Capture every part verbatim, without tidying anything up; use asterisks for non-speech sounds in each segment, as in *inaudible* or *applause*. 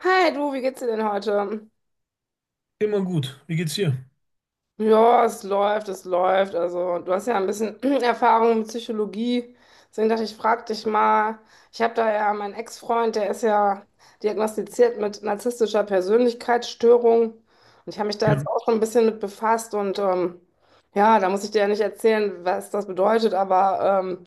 Hi du, wie geht's dir denn heute? Immer gut. Wie geht's dir? Ja, es läuft, es läuft. Also, du hast ja ein bisschen *clears throat* Erfahrung mit Psychologie. Deswegen dachte ich, frag dich mal. Ich habe da ja meinen Ex-Freund, der ist ja diagnostiziert mit narzisstischer Persönlichkeitsstörung. Und ich habe mich da jetzt Ja, auch schon ein bisschen mit befasst. Und ähm, ja, da muss ich dir ja nicht erzählen, was das bedeutet. Aber ähm,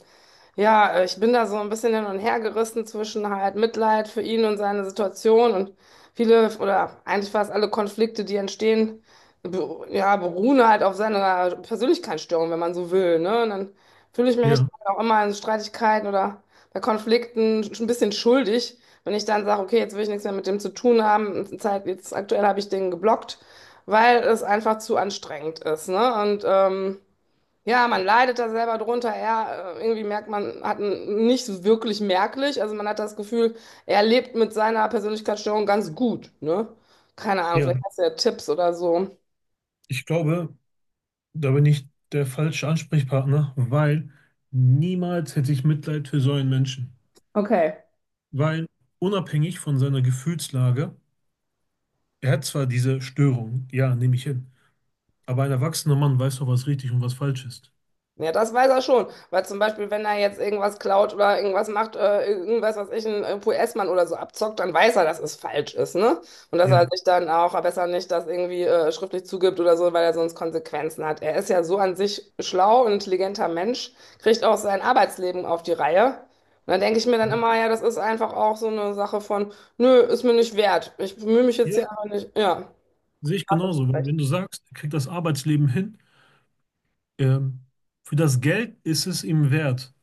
ja, äh, ich bin da so ein bisschen hin und her gerissen zwischen halt Mitleid für ihn und seine Situation und viele oder eigentlich fast alle Konflikte, die entstehen, be- ja, beruhen halt auf seiner Persönlichkeitsstörung, wenn man so will, ne? Und dann fühle ich mich ja, auch immer in Streitigkeiten oder bei Konflikten schon ein bisschen schuldig, wenn ich dann sage, okay, jetzt will ich nichts mehr mit dem zu tun haben. Zeit, jetzt aktuell habe ich den geblockt, weil es einfach zu anstrengend ist, ne? Und ähm, ja, man leidet da selber drunter. Er, äh, irgendwie merkt man, hat n- nicht so wirklich merklich. Also man hat das Gefühl, er lebt mit seiner Persönlichkeitsstörung ganz gut, ne? Keine Ahnung, vielleicht ja, hast du ja Tipps oder so. ich glaube, da bin ich der falsche Ansprechpartner, weil niemals hätte ich Mitleid für so einen Menschen. Okay. Weil unabhängig von seiner Gefühlslage, er hat zwar diese Störung, ja, nehme ich hin, aber ein erwachsener Mann weiß doch, was richtig und was falsch ist. Ja, das weiß er schon. Weil zum Beispiel, wenn er jetzt irgendwas klaut oder irgendwas macht, äh, irgendwas, was ich, ein U S-Mann oder so abzockt, dann weiß er, dass es falsch ist, ne? Und dass Ja. er sich dann auch besser nicht das irgendwie äh, schriftlich zugibt oder so, weil er sonst Konsequenzen hat. Er ist ja so an sich schlau und intelligenter Mensch, kriegt auch sein Arbeitsleben auf die Reihe. Und dann denke ich mir dann immer, ja, das ist einfach auch so eine Sache von, nö, ist mir nicht wert. Ich bemühe mich jetzt hier Ja, aber nicht. Ja, sehe ich hast genauso. du Wenn recht. wenn du sagst, er kriegt das Arbeitsleben hin, ähm, für das Geld ist es ihm wert,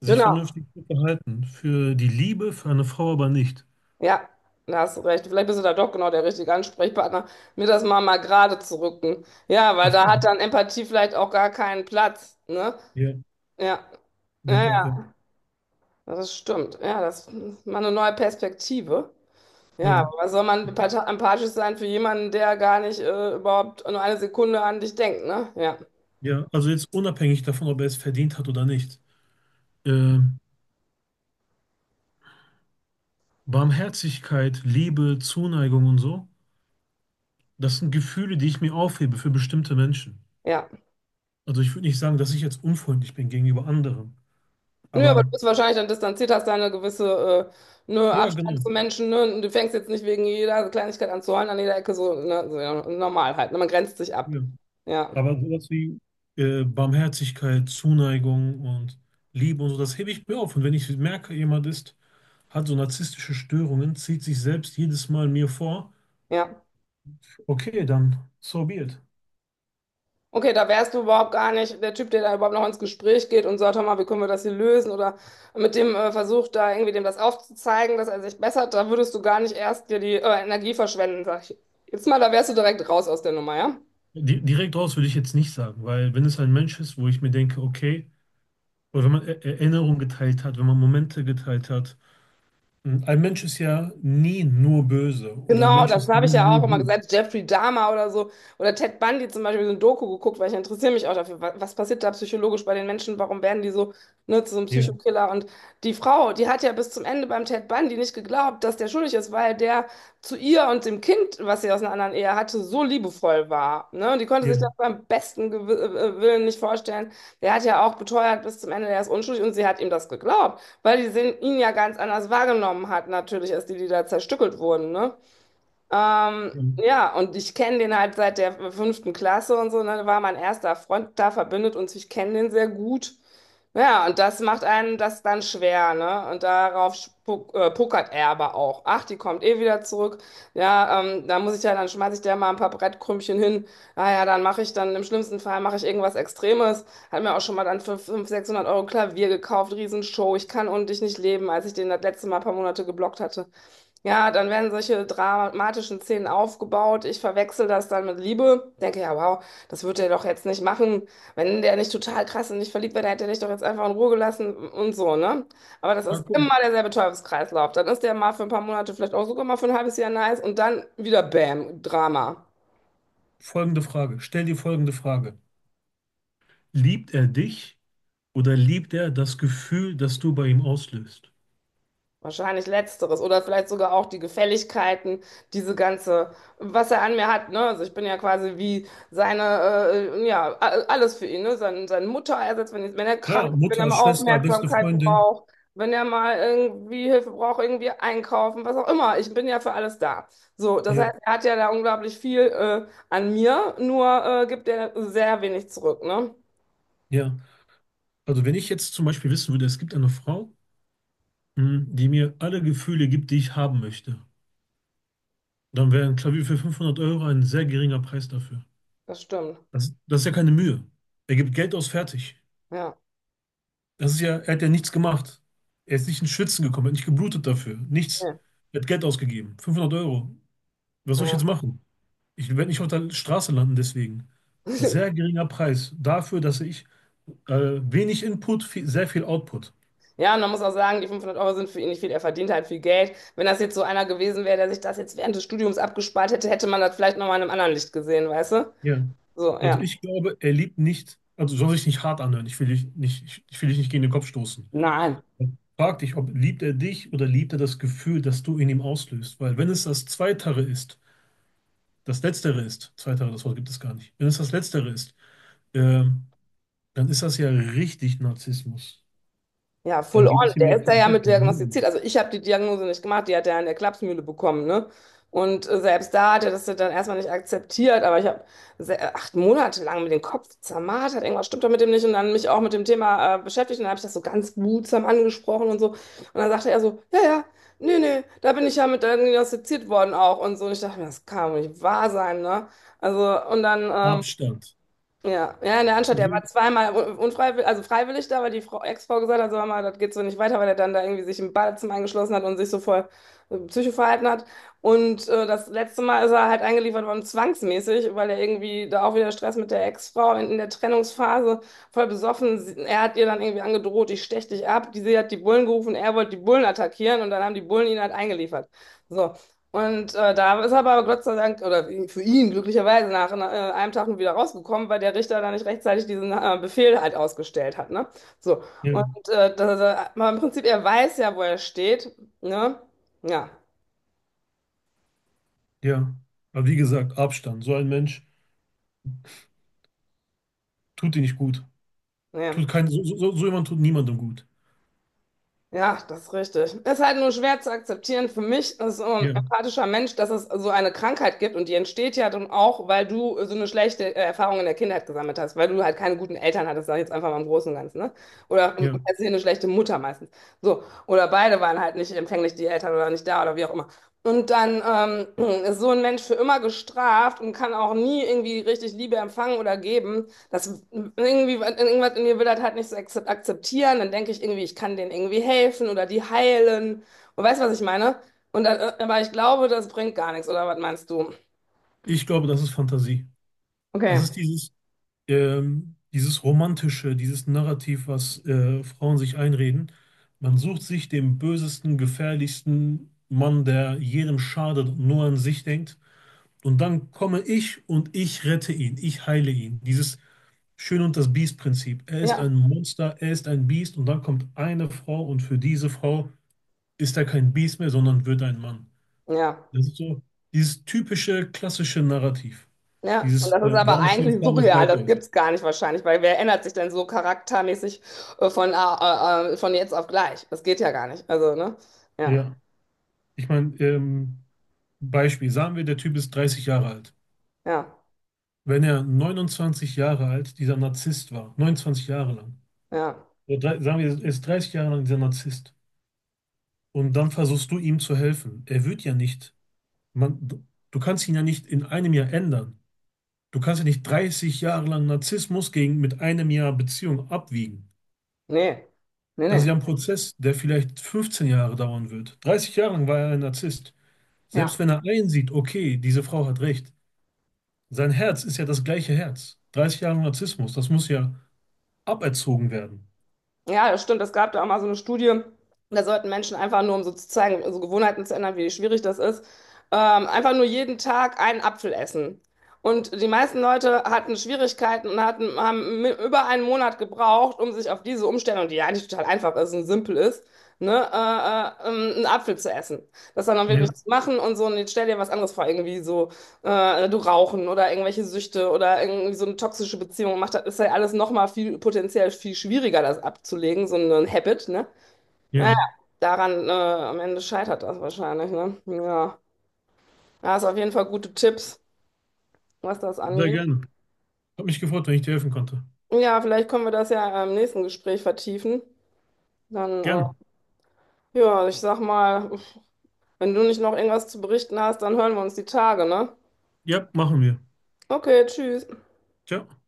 sich Genau. vernünftig zu verhalten. Für die Liebe, für eine Frau aber nicht. Ja, da hast du recht. Vielleicht bist du da doch genau der richtige Ansprechpartner, mir das mal mal gerade zu rücken. Ja, weil Das, da hat dann Empathie vielleicht auch gar keinen Platz, ne? Ja, Ja, ja, ja, ja, ja, ja, das stimmt. Ja, das ist mal eine neue Perspektive. Ja, ja. aber was soll man Ich denke, empath- empathisch sein für jemanden, der gar nicht äh, überhaupt nur eine Sekunde an dich denkt, ne? Ja, ja, also jetzt unabhängig davon, ob er es verdient hat oder nicht. Ähm, Barmherzigkeit, Liebe, Zuneigung und so, das sind Gefühle, die ich mir aufhebe für bestimmte Menschen. ja. Also ich würde nicht sagen, dass ich jetzt unfreundlich bin gegenüber anderen. Nö, aber du Aber bist wahrscheinlich dann distanziert, hast da eine gewisse äh, ne ja, Abstand genau. zu Menschen. Ne? Und du fängst jetzt nicht wegen jeder Kleinigkeit an zu heulen an jeder Ecke, so, ne? So, ja, normal halt. Ne? Man grenzt sich ab. Ja. Ja, Aber sowas wie äh, Barmherzigkeit, Zuneigung und Liebe und so, das hebe ich mir auf. Und wenn ich merke, jemand ist, hat so narzisstische Störungen, zieht sich selbst jedes Mal mir vor, ja. okay, dann so be it. Okay, da wärst du überhaupt gar nicht der Typ, der da überhaupt noch ins Gespräch geht und sagt, hör mal, wie können wir das hier lösen? Oder mit dem äh, Versuch, da irgendwie dem das aufzuzeigen, dass er sich bessert. Da würdest du gar nicht erst dir die äh, Energie verschwenden, sag ich. Jetzt mal, da wärst du direkt raus aus der Nummer, ja? Di- Direkt raus würde ich jetzt nicht sagen, weil wenn es ein Mensch ist, wo ich mir denke, okay, oder wenn man Er- Erinnerungen geteilt hat, wenn man Momente geteilt hat, hm, ein Mensch ist ja nie nur böse oder ein Genau, Mensch das ist habe nie ich ja auch nur immer gut. gesagt. Jeffrey Dahmer oder so. Oder Ted Bundy zum Beispiel, so ein Doku geguckt, weil ich interessiere mich auch dafür. Was, was passiert da psychologisch bei den Menschen? Warum werden die so, ne, zu so einem Ja, Psychokiller? Und die Frau, die hat ja bis zum Ende beim Ted Bundy nicht geglaubt, dass der schuldig ist, weil der zu ihr und dem Kind, was sie aus einer anderen Ehe hatte, so liebevoll war. Ne? Und die konnte sich ja, das beim besten Gew äh, äh, Willen nicht vorstellen. Der hat ja auch beteuert bis zum Ende, der ist unschuldig und sie hat ihm das geglaubt, weil die sehen, ihn ja ganz anders wahrgenommen hat, natürlich, als die, die da zerstückelt wurden, ne? Ähm, ja. ja, und ich kenne den halt seit der fünften Klasse und so, ne, da war mein erster Freund da, verbindet uns, ich kenne den sehr gut. Ja, und das macht einen das dann schwer, ne? Und darauf spuck, äh, pokert er aber auch. Ach, die kommt eh wieder zurück. Ja, ähm, da muss ich ja, dann schmeiße ich der mal ein paar Brettkrümchen hin. Naja, dann mache ich dann, im schlimmsten Fall mache ich irgendwas Extremes. Hat mir auch schon mal dann für fünfhundert, sechshundert Euro Klavier gekauft, Riesenshow. Ich kann ohne dich nicht leben, als ich den das letzte Mal ein paar Monate geblockt hatte. Ja, dann werden solche dramatischen Szenen aufgebaut. Ich verwechsel das dann mit Liebe. Denke, ja, wow, das wird er doch jetzt nicht machen. Wenn der nicht total krass und nicht verliebt wäre, dann hätte er dich doch jetzt einfach in Ruhe gelassen und so, ne? Aber das ist Danke. immer Und derselbe Teufelskreislauf. Dann ist der mal für ein paar Monate, vielleicht auch sogar mal für ein halbes Jahr nice und dann wieder Bam, Drama. folgende Frage, stell dir folgende Frage. Liebt er dich oder liebt er das Gefühl, das du bei ihm auslöst? Wahrscheinlich letzteres oder vielleicht sogar auch die Gefälligkeiten, diese ganze, was er an mir hat, ne? Also ich bin ja quasi wie seine, äh, ja, a- alles für ihn, ne? Sein, sein Mutterersatz, wenn, wenn er krank Ja, ist, wenn er Mutter, mal Schwester, beste Aufmerksamkeit Freundin. braucht, wenn er mal irgendwie Hilfe braucht, irgendwie einkaufen, was auch immer. Ich bin ja für alles da. So, das Ja, heißt, er hat ja da unglaublich viel, äh, an mir, nur, äh, gibt er sehr wenig zurück, ne? ja. Also wenn ich jetzt zum Beispiel wissen würde, es gibt eine Frau, mh, die mir alle Gefühle gibt, die ich haben möchte. Dann wäre ein Klavier für fünfhundert Euro ein sehr geringer Preis dafür. Das stimmt. Das, das ist ja keine Mühe. Er gibt Geld aus, fertig. Ja. Das ist ja, er hat ja nichts gemacht. Er ist nicht ins Schwitzen gekommen, er hat nicht geblutet dafür. Nichts. Ja. Er hat Geld ausgegeben. fünfhundert Euro. Was soll ich Ja. jetzt machen? Ich werde nicht auf der Straße landen deswegen. Sehr *laughs* geringer Preis dafür, dass ich äh, wenig Input, viel, sehr viel Output. Ja, und man muss auch sagen, die fünfhundert Euro sind für ihn nicht viel. Er verdient halt viel Geld. Wenn das jetzt so einer gewesen wäre, der sich das jetzt während des Studiums abgespart hätte, hätte man das vielleicht nochmal in einem anderen Licht gesehen, weißt du? Ja. So, ja. Also ich glaube, er liebt nicht, also soll sich nicht hart anhören. Ich will dich nicht, ich, ich will dich nicht gegen den Kopf stoßen. Nein. Frag dich, ob liebt er dich oder liebt er das Gefühl, das du in ihm auslöst. Weil wenn es das Zweitere ist, das Letztere ist, Zweitere, das Wort gibt es gar nicht. Wenn es das Letztere ist, ähm, dann ist das ja richtig Narzissmus. Ja, full Dann on. geht es ihm Der ja ist da ja komplett mit nur diagnostiziert. um Also ich habe die Diagnose nicht gemacht, die hat er in der Klapsmühle bekommen, ne? Und äh, selbst da hat er das ja dann erstmal nicht akzeptiert, aber ich habe se- äh, acht Monate lang mit dem Kopf zermartert, irgendwas stimmt doch mit dem nicht und dann mich auch mit dem Thema äh, beschäftigt und dann habe ich das so ganz behutsam angesprochen und so. Und dann sagte er so, ja, ja, nee, nee, da bin ich ja mit diagnostiziert worden auch und so. Und ich dachte mir, das kann doch nicht wahr sein, ne? Also und dann ähm, Abstand. ja, ja, in der Anstalt, der war So- zweimal un- unfreiwillig, also freiwillig da, weil die Frau, Ex-Frau gesagt hat, so, mal, das geht so nicht weiter, weil er dann da irgendwie sich im Badezimmer eingeschlossen hat und sich so voll äh, Psycho verhalten hat. Und äh, das letzte Mal ist er halt eingeliefert worden, zwangsmäßig, weil er irgendwie da auch wieder Stress mit der Ex-Frau in, in der Trennungsphase voll besoffen. Sie- Er hat ihr dann irgendwie angedroht, ich stech dich ab. Die, sie hat die Bullen gerufen, er wollte die Bullen attackieren und dann haben die Bullen ihn halt eingeliefert. So, und äh, da ist er aber Gott sei Dank, oder für ihn glücklicherweise, nach äh, einem Tag nur wieder rausgekommen, weil der Richter da nicht rechtzeitig diesen äh, Befehl halt ausgestellt hat. Ne? So. Und Ja, äh, das, äh, aber im Prinzip, er weiß ja, wo er steht. Ne? Ja. ja. Aber wie gesagt, Abstand. So ein Mensch tut dir nicht gut. Ja. Tut kein, so, so, so so jemand tut niemandem gut. Ja, das ist richtig. Ist halt nur schwer zu akzeptieren für mich als ähm, Ja, empathischer Mensch, dass es so eine Krankheit gibt und die entsteht ja dann auch, weil du so eine schlechte äh, Erfahrung in der Kindheit gesammelt hast, weil du halt keine guten Eltern hattest, sag ich jetzt einfach mal im Großen und Ganzen, ne? Oder ähm, ja. per se eine schlechte Mutter meistens. So. Oder beide waren halt nicht empfänglich, die Eltern oder nicht da oder wie auch immer. Und dann ähm, *clears throat* ist so ein Mensch für immer gestraft und kann auch nie irgendwie richtig Liebe empfangen oder geben. Das irgendwie, irgendwas in mir will das halt nicht so akzep- akzeptieren. Dann denke ich irgendwie, ich kann denen irgendwie helfen oder die heilen. Und weißt du, was ich meine? Und dann, äh, aber ich glaube, das bringt gar nichts, oder was meinst du? Ich glaube, das ist Fantasie. Das Okay. ist dieses ähm, dieses Romantische, dieses Narrativ, was äh, Frauen sich einreden. Man sucht sich den bösesten, gefährlichsten Mann, der jedem schadet und nur an sich denkt. Und dann komme ich und ich rette ihn, ich heile ihn. Dieses Schön und das Biest-Prinzip. Er ist Ja, ein Monster, er ist ein Biest und dann kommt eine Frau und für diese Frau ist er kein Biest mehr, sondern wird ein Mann. ja, Das ist so dieses typische, klassische Narrativ. ja. Und Dieses, das ist äh, aber Warum stehen eigentlich Frauen auf surreal. Bad Das Boys? gibt's gar nicht wahrscheinlich, weil wer ändert sich denn so charaktermäßig äh, von, äh, äh, äh, von jetzt auf gleich? Das geht ja gar nicht. Also, ne? Ja, Ja. Ich meine, ähm, Beispiel, sagen wir, der Typ ist dreißig Jahre alt. ja, Wenn er neunundzwanzig Jahre alt dieser Narzisst war, neunundzwanzig Jahre lang, ja. oder drei, sagen wir, er ist dreißig Jahre lang dieser Narzisst und dann versuchst du ihm zu helfen. Er wird ja nicht, man, du, du kannst ihn ja nicht in einem Jahr ändern. Du kannst ja nicht dreißig Jahre lang Narzissmus gegen mit einem Jahr Beziehung abwiegen. Nee, nee, Das ist ja nee. ein Prozess, der vielleicht fünfzehn Jahre dauern wird. Dreißig Jahre lang war er ein Narzisst. Ja. Selbst wenn er einsieht, okay, diese Frau hat recht, sein Herz ist ja das gleiche Herz. dreißig Jahre Narzissmus, das muss ja aberzogen werden. Ja, das stimmt. Es gab da auch mal so eine Studie, da sollten Menschen einfach nur, um so zu zeigen, so Gewohnheiten zu ändern, wie schwierig das ist, ähm, einfach nur jeden Tag einen Apfel essen. Und die meisten Leute hatten Schwierigkeiten und hatten, haben mi- über einen Monat gebraucht, um sich auf diese Umstellung, die ja eigentlich total einfach ist und simpel ist, ne, äh, äh, ähm, einen Apfel zu essen. Das dann auch Ja, wirklich zu machen und so, und jetzt stell dir was anderes vor, irgendwie so äh, du Rauchen oder irgendwelche Süchte oder irgendwie so eine toxische Beziehung macht, das ist ja alles nochmal viel potenziell viel schwieriger, das abzulegen, so ein Habit, ne? Ja, ja. ja, Daran äh, am Ende scheitert das wahrscheinlich, ne? Ja, da hast auf jeden Fall gute Tipps, was das sehr angeht. gerne. Hat mich gefreut, wenn ich dir helfen konnte. Ja, vielleicht können wir das ja im nächsten Gespräch vertiefen. Dann, äh, Gerne. ja, ich sag mal, wenn du nicht noch irgendwas zu berichten hast, dann hören wir uns die Tage, ne? Ja, machen wir. Okay, tschüss. Ciao.